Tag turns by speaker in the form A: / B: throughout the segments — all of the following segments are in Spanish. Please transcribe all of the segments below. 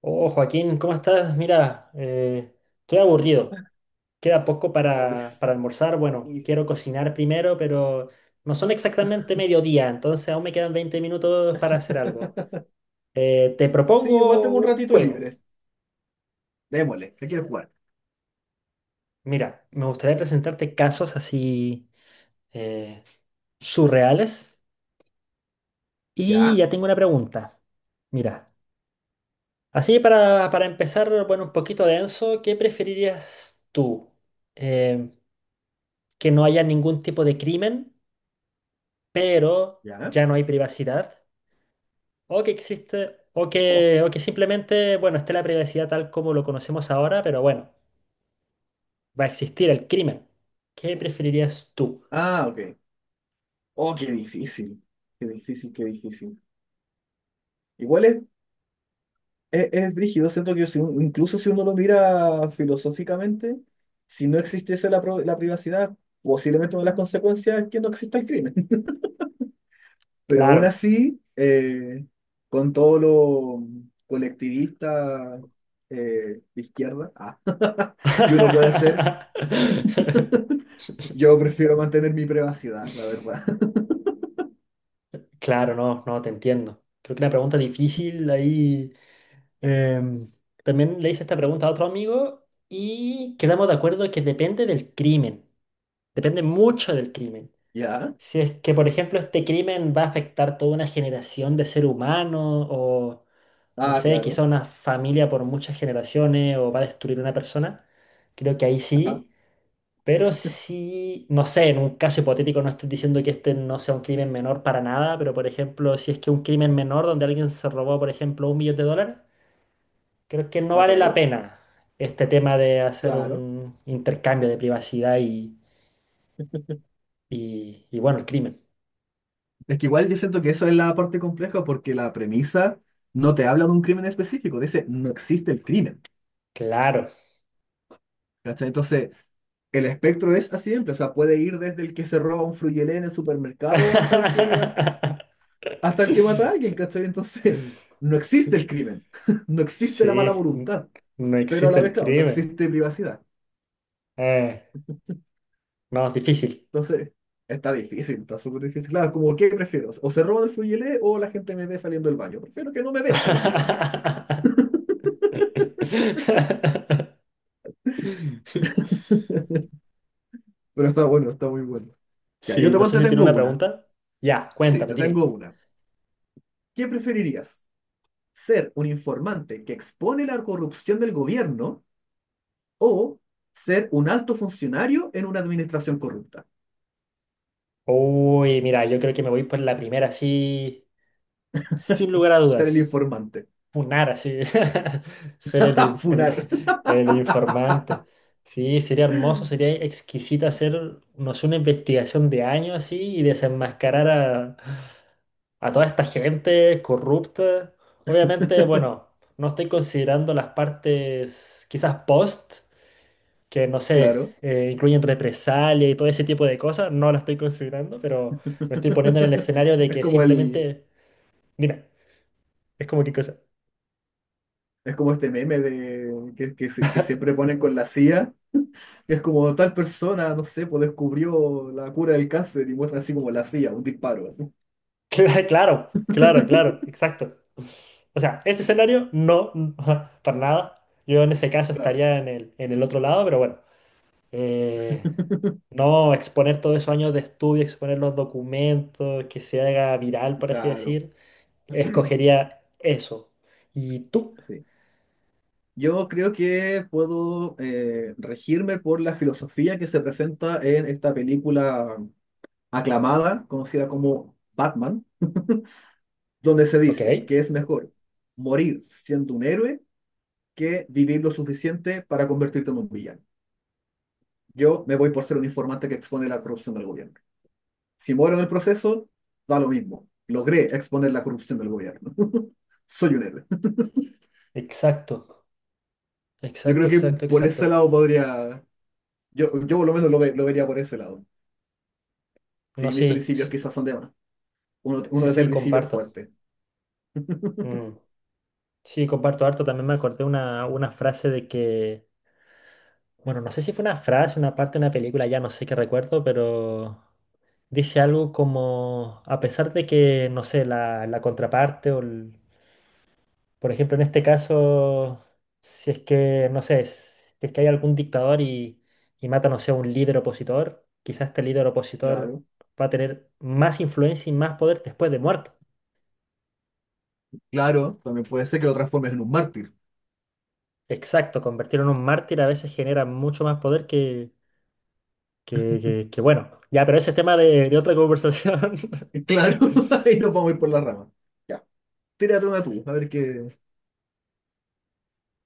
A: Oh, Joaquín, ¿cómo estás? Mira, estoy aburrido. Queda poco
B: Ay,
A: para almorzar. Bueno,
B: sí.
A: quiero cocinar primero, pero no son exactamente mediodía, entonces aún me quedan 20 minutos para hacer algo. Te
B: Sí, igual
A: propongo
B: tengo un
A: un
B: ratito
A: juego.
B: libre. Démosle, ¿qué quieres jugar?
A: Mira, me gustaría presentarte casos así eh, surreales. Y
B: ¿Ya?
A: ya tengo una pregunta. Mira, así para empezar, bueno, un poquito denso, ¿qué preferirías tú? Em, ¿Que no haya ningún tipo de crimen, pero
B: ¿Ya?
A: ya no hay privacidad? ¿O que existe, o que,
B: Oh.
A: o que simplemente, bueno, esté la privacidad tal como lo conocemos ahora, pero bueno, va a existir el crimen? ¿Qué preferirías tú?
B: Ah, ok. Oh, qué difícil. Qué difícil, qué difícil. Igual es, es brígido, siento que si un- incluso si uno lo mira filosóficamente, si no existiese la privacidad, posiblemente una de las consecuencias es que no exista el crimen. Pero aún
A: Claro.
B: así, con todo lo colectivista de izquierda, ah, que uno puede hacer. Yo prefiero mantener mi privacidad, la verdad.
A: Claro, no, no, te entiendo. Creo que una pregunta difícil ahí. em, También le hice esta pregunta a otro amigo y quedamos de acuerdo que depende del crimen. Depende mucho del crimen.
B: ¿Ya?
A: Si es que, por ejemplo, este crimen va a afectar toda una generación de ser humano o, no
B: Ah,
A: sé, quizá
B: claro.
A: una familia por muchas generaciones o va a destruir una persona, creo que ahí
B: Ajá.
A: sí. Pero sí, no sé, en un caso hipotético no estoy diciendo que este no sea un crimen menor para nada, pero por ejemplo, si es que un crimen menor donde alguien se robó, por ejemplo, $1 millón, creo que no
B: Ah,
A: vale la
B: claro.
A: pena este tema de hacer
B: Claro.
A: un intercambio de privacidad y, y, y bueno, el crimen.
B: Es que igual yo siento que eso es la parte compleja porque la premisa no te habla de un crimen específico, dice no existe el crimen.
A: Claro.
B: ¿Cachai? Entonces, el espectro es así de amplio, o sea, puede ir desde el que se roba un fruyelé en el supermercado hasta el que mata a alguien, ¿cachai? Entonces, no existe el crimen, no existe la mala
A: Sí,
B: voluntad,
A: no
B: pero a
A: existe
B: la vez,
A: el
B: claro, no
A: crimen.
B: existe privacidad.
A: Eh, no, es difícil.
B: Entonces, está difícil, está súper difícil. Claro, como, ¿qué prefiero? ¿O se roban el fluyelé o la gente me ve saliendo del baño? Prefiero que no me vean saliendo del baño. Pero está bueno, está muy bueno. Ya,
A: Sí, no
B: igual
A: sé
B: te
A: si tiene
B: tengo
A: una
B: una.
A: pregunta. Ya,
B: Sí,
A: cuéntame,
B: te tengo
A: dime.
B: una. ¿Qué preferirías? ¿Ser un informante que expone la corrupción del gobierno o ser un alto funcionario en una administración corrupta?
A: Uy, mira, yo creo que me voy por la primera, sí, sin lugar a
B: Ser el
A: dudas.
B: informante.
A: Funar así, ser el, in- el-
B: Funar.
A: el informante. Sí, sería hermoso, sería exquisito hacer, no sé, una investigación de años así y desenmascarar a toda esta gente corrupta. Obviamente, bueno, no estoy considerando las partes quizás post, que no sé,
B: Claro.
A: incluyen represalia y todo ese tipo de cosas, no las estoy considerando, pero me estoy poniendo en el escenario de
B: Es
A: que
B: como
A: simplemente, mira, es como que.
B: es como este meme de que siempre ponen con la CIA. Es como tal persona, no sé, pues descubrió la cura del cáncer y muestra así como la hacía, un disparo, así.
A: Claro, claro, claro, exacto. O sea, ese escenario no, no, para nada. Yo en ese caso
B: Claro,
A: estaría en el otro lado, pero bueno. Eh, no exponer todos esos años de estudio, exponer los documentos, que se haga viral, por así
B: claro.
A: decir. Escogería eso. ¿Y tú?
B: Sí. Yo creo que puedo regirme por la filosofía que se presenta en esta película aclamada, conocida como Batman, donde se
A: Ok,
B: dice que es mejor morir siendo un héroe que vivir lo suficiente para convertirte en un villano. Yo me voy por ser un informante que expone la corrupción del gobierno. Si muero en el proceso, da lo mismo. Logré exponer la corrupción del gobierno. Soy un héroe.
A: exacto,
B: Yo
A: exacto,
B: creo que
A: exacto,
B: por ese
A: exacto.
B: lado podría, yo por lo menos lo vería por ese lado.
A: No,
B: Sí, mis
A: sí,
B: principios
A: sí,
B: quizás son de más. Uno, uno
A: sí,
B: desde el
A: sí,
B: principio es
A: comparto.
B: fuerte.
A: Mm, Sí, comparto harto. También me acordé una frase de que. Bueno, no sé si fue una frase, una parte de una película, ya no sé qué recuerdo, pero dice algo como, a pesar de que, no sé, la contraparte o, el- por ejemplo, en este caso, si es que, no sé, si es que hay algún dictador y mata, no sé, a un líder opositor, quizás este líder opositor
B: Claro.
A: va a tener más influencia y más poder después de muerto.
B: Claro, también puede ser que lo transformes en un mártir.
A: Exacto, convertirlo en un mártir a veces genera mucho más poder que, bueno. Ya, pero ese es tema de otra conversación.
B: Claro, ahí nos vamos a ir por la rama. Ya, tírate una tú, a ver qué...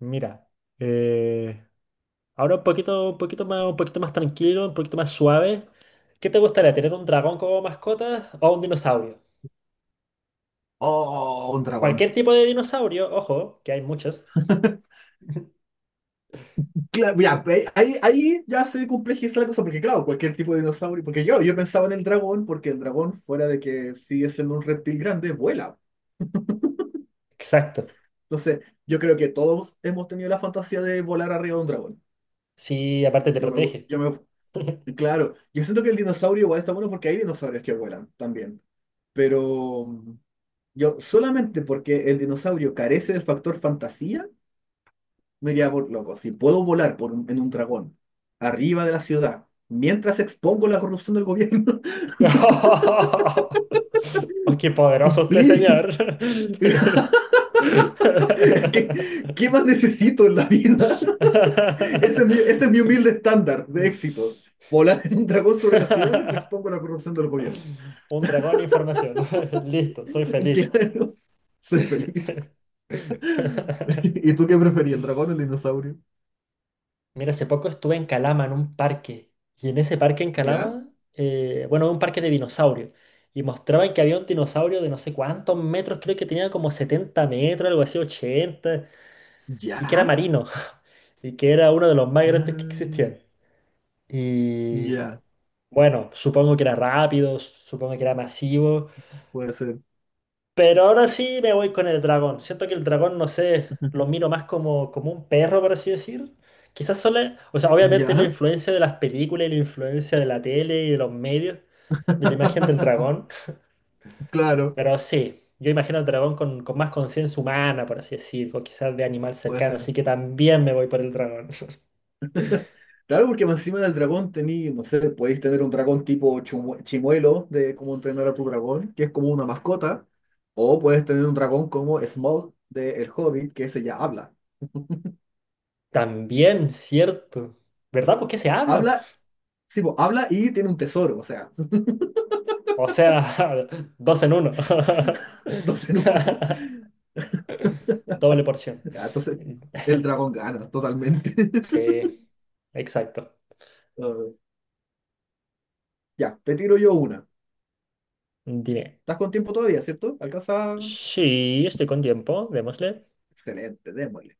A: Mira, eh, ahora un poquito más tranquilo, un poquito más suave. ¿Qué te gustaría, tener un dragón como mascota o un dinosaurio?
B: Oh, un dragón.
A: Cualquier tipo de dinosaurio, ojo, que hay muchos.
B: Claro, ya, pe- ahí ya se complejiza la cosa, porque claro, cualquier tipo de dinosaurio, porque yo pensaba en el dragón, porque el dragón, fuera de que sigue siendo un reptil grande, vuela.
A: Exacto.
B: Entonces, yo creo que todos hemos tenido la fantasía de volar arriba de un dragón.
A: Sí, aparte te protege.
B: Yo me, claro, yo siento que el dinosaurio igual está bueno porque hay dinosaurios que vuelan también, pero yo solamente porque el dinosaurio carece del factor fantasía, me iría por loco. Si puedo volar por un- en un dragón, arriba de la ciudad, mientras expongo la corrupción del gobierno.
A: ¡Oh, qué poderoso usted,
B: Cumplir.
A: señor!
B: Qué más necesito en la vida? Ese es mi humilde estándar de éxito. Volar en un dragón sobre la ciudad mientras expongo la corrupción del gobierno.
A: Un dragón de información. Listo, soy feliz.
B: Claro, soy feliz. ¿Y tú qué preferís, el dragón o el dinosaurio?
A: Mira, hace poco estuve en Calama, en un parque. Y en ese parque en
B: ¿Ya?
A: Calama, bueno, un parque de dinosaurios. Y mostraban que había un dinosaurio de no sé cuántos metros, creo que tenía como 70 metros, algo así, 80, y que era
B: ¿Ya?
A: marino, y que era uno de los más grandes que
B: Ah,
A: existían. Y
B: ya,
A: bueno, supongo que era rápido, supongo que era masivo.
B: puede ser.
A: Pero ahora sí me voy con el dragón. Siento que el dragón, no sé, lo miro más como, como un perro, por así decir. Quizás solo, o sea, obviamente la
B: ¿Ya?
A: influencia de las películas y la influencia de la tele y de los medios, de la imagen del dragón.
B: Claro,
A: Pero sí, yo imagino al dragón con más conciencia humana, por así decir, o quizás de animal
B: puede
A: cercano. Así
B: ser.
A: que también me voy por el dragón.
B: Claro, porque más encima del dragón tení, no sé, podéis tener un dragón tipo chimuelo de cómo entrenar a tu dragón, que es como una mascota, o puedes tener un dragón como Smaug de El Hobbit, que ese ya habla.
A: También, cierto. ¿Verdad? ¿Por qué se habla?
B: Habla, sí, po, habla y tiene un tesoro, o sea,
A: O sea, dos en uno.
B: dos en uno.
A: Doble porción.
B: Ya, entonces, el dragón gana totalmente.
A: Sí, exacto.
B: Ah, ya, te tiro yo una.
A: Dime.
B: ¿Estás con tiempo todavía, cierto? Alcanza.
A: Sí, estoy con tiempo, démosle.
B: Excelente, démosle.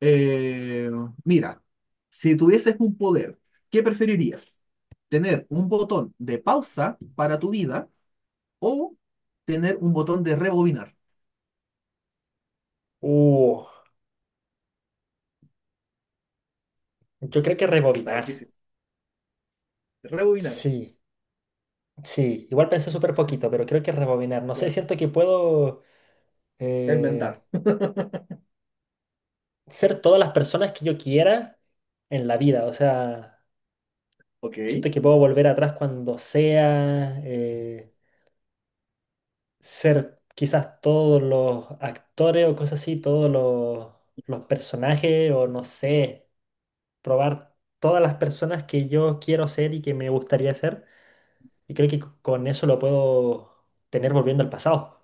B: Eh, mira, si tuvieses un poder, ¿qué preferirías? ¿Tener un botón de pausa para tu vida o tener un botón de rebobinar?
A: Uh, yo creo que
B: Está
A: rebobinar.
B: difícil. Rebobinar,
A: Sí, sí. Igual pensé súper poquito, pero creo que rebobinar. No sé,
B: claro.
A: siento que puedo eh,
B: Enmendar.
A: ser todas las personas que yo quiera en la vida. O sea,
B: Ok,
A: siento que puedo volver atrás cuando sea, ser quizás todos los actores o cosas así, todos los personajes o no sé. Probar todas las personas que yo quiero ser y que me gustaría ser. Y creo que con eso lo puedo tener volviendo al pasado.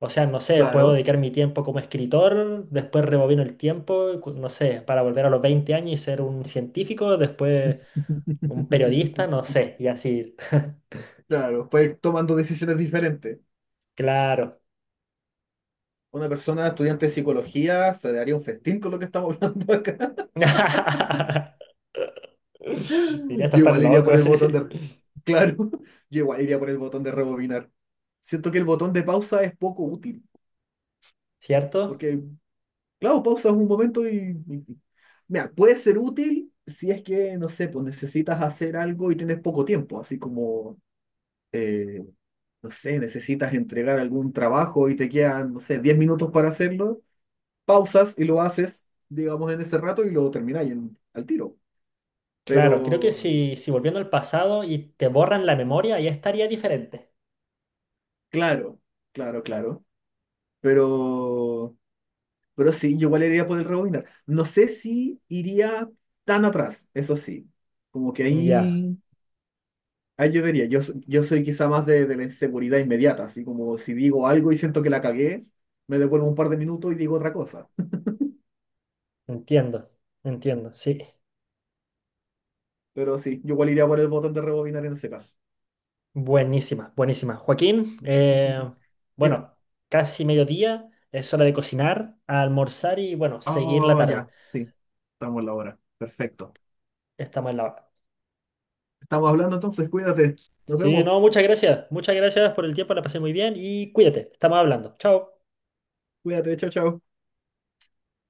A: O sea, no sé, puedo
B: claro.
A: dedicar mi tiempo como escritor, después rebobino el tiempo, no sé, para volver a los 20 años y ser un científico, después un periodista, no sé, y así.
B: Claro, puede ir tomando decisiones diferentes.
A: Claro.
B: Una persona estudiante de psicología se daría un festín con lo que estamos hablando acá.
A: Diría, estás
B: Yo
A: tan
B: igual iría por
A: loco,
B: el
A: sí.
B: botón de... Claro, yo igual iría por el botón de rebobinar. Siento que el botón de pausa es poco útil,
A: ¿Cierto?
B: porque, claro, pausa es un momento mira, puede ser útil si es que, no sé, pues necesitas hacer algo y tienes poco tiempo, así como, eh, no sé, necesitas entregar algún trabajo y te quedan, no sé, 10 minutos para hacerlo, pausas y lo haces, digamos, en ese rato y lo termináis en- al tiro.
A: Claro, creo que
B: Pero,
A: si volviendo al pasado y te borran la memoria, ya estaría diferente.
B: claro, claro, claro. Pero... Pero sí, yo igual iría por el rebobinar. No sé si iría tan atrás, eso sí. Como que
A: Ya.
B: ahí, ahí yo vería. Yo soy quizá más de la inseguridad inmediata, así como si digo algo y siento que la cagué, me devuelvo un par de minutos y digo otra cosa.
A: Entiendo, entiendo, sí.
B: Pero sí, yo igual iría por el botón de rebobinar en ese caso.
A: Buenísima, buenísima. Joaquín,
B: Dime.
A: bueno, casi mediodía, es hora de cocinar, almorzar y bueno, seguir la
B: Oh,
A: tarde.
B: ya, sí. Estamos en la hora. Perfecto.
A: Estamos en la hora.
B: Estamos hablando entonces, cuídate. Nos
A: Sí,
B: vemos.
A: no, muchas gracias por el tiempo, la pasé muy bien y cuídate, estamos hablando. Chao.
B: Cuídate, chao, chao.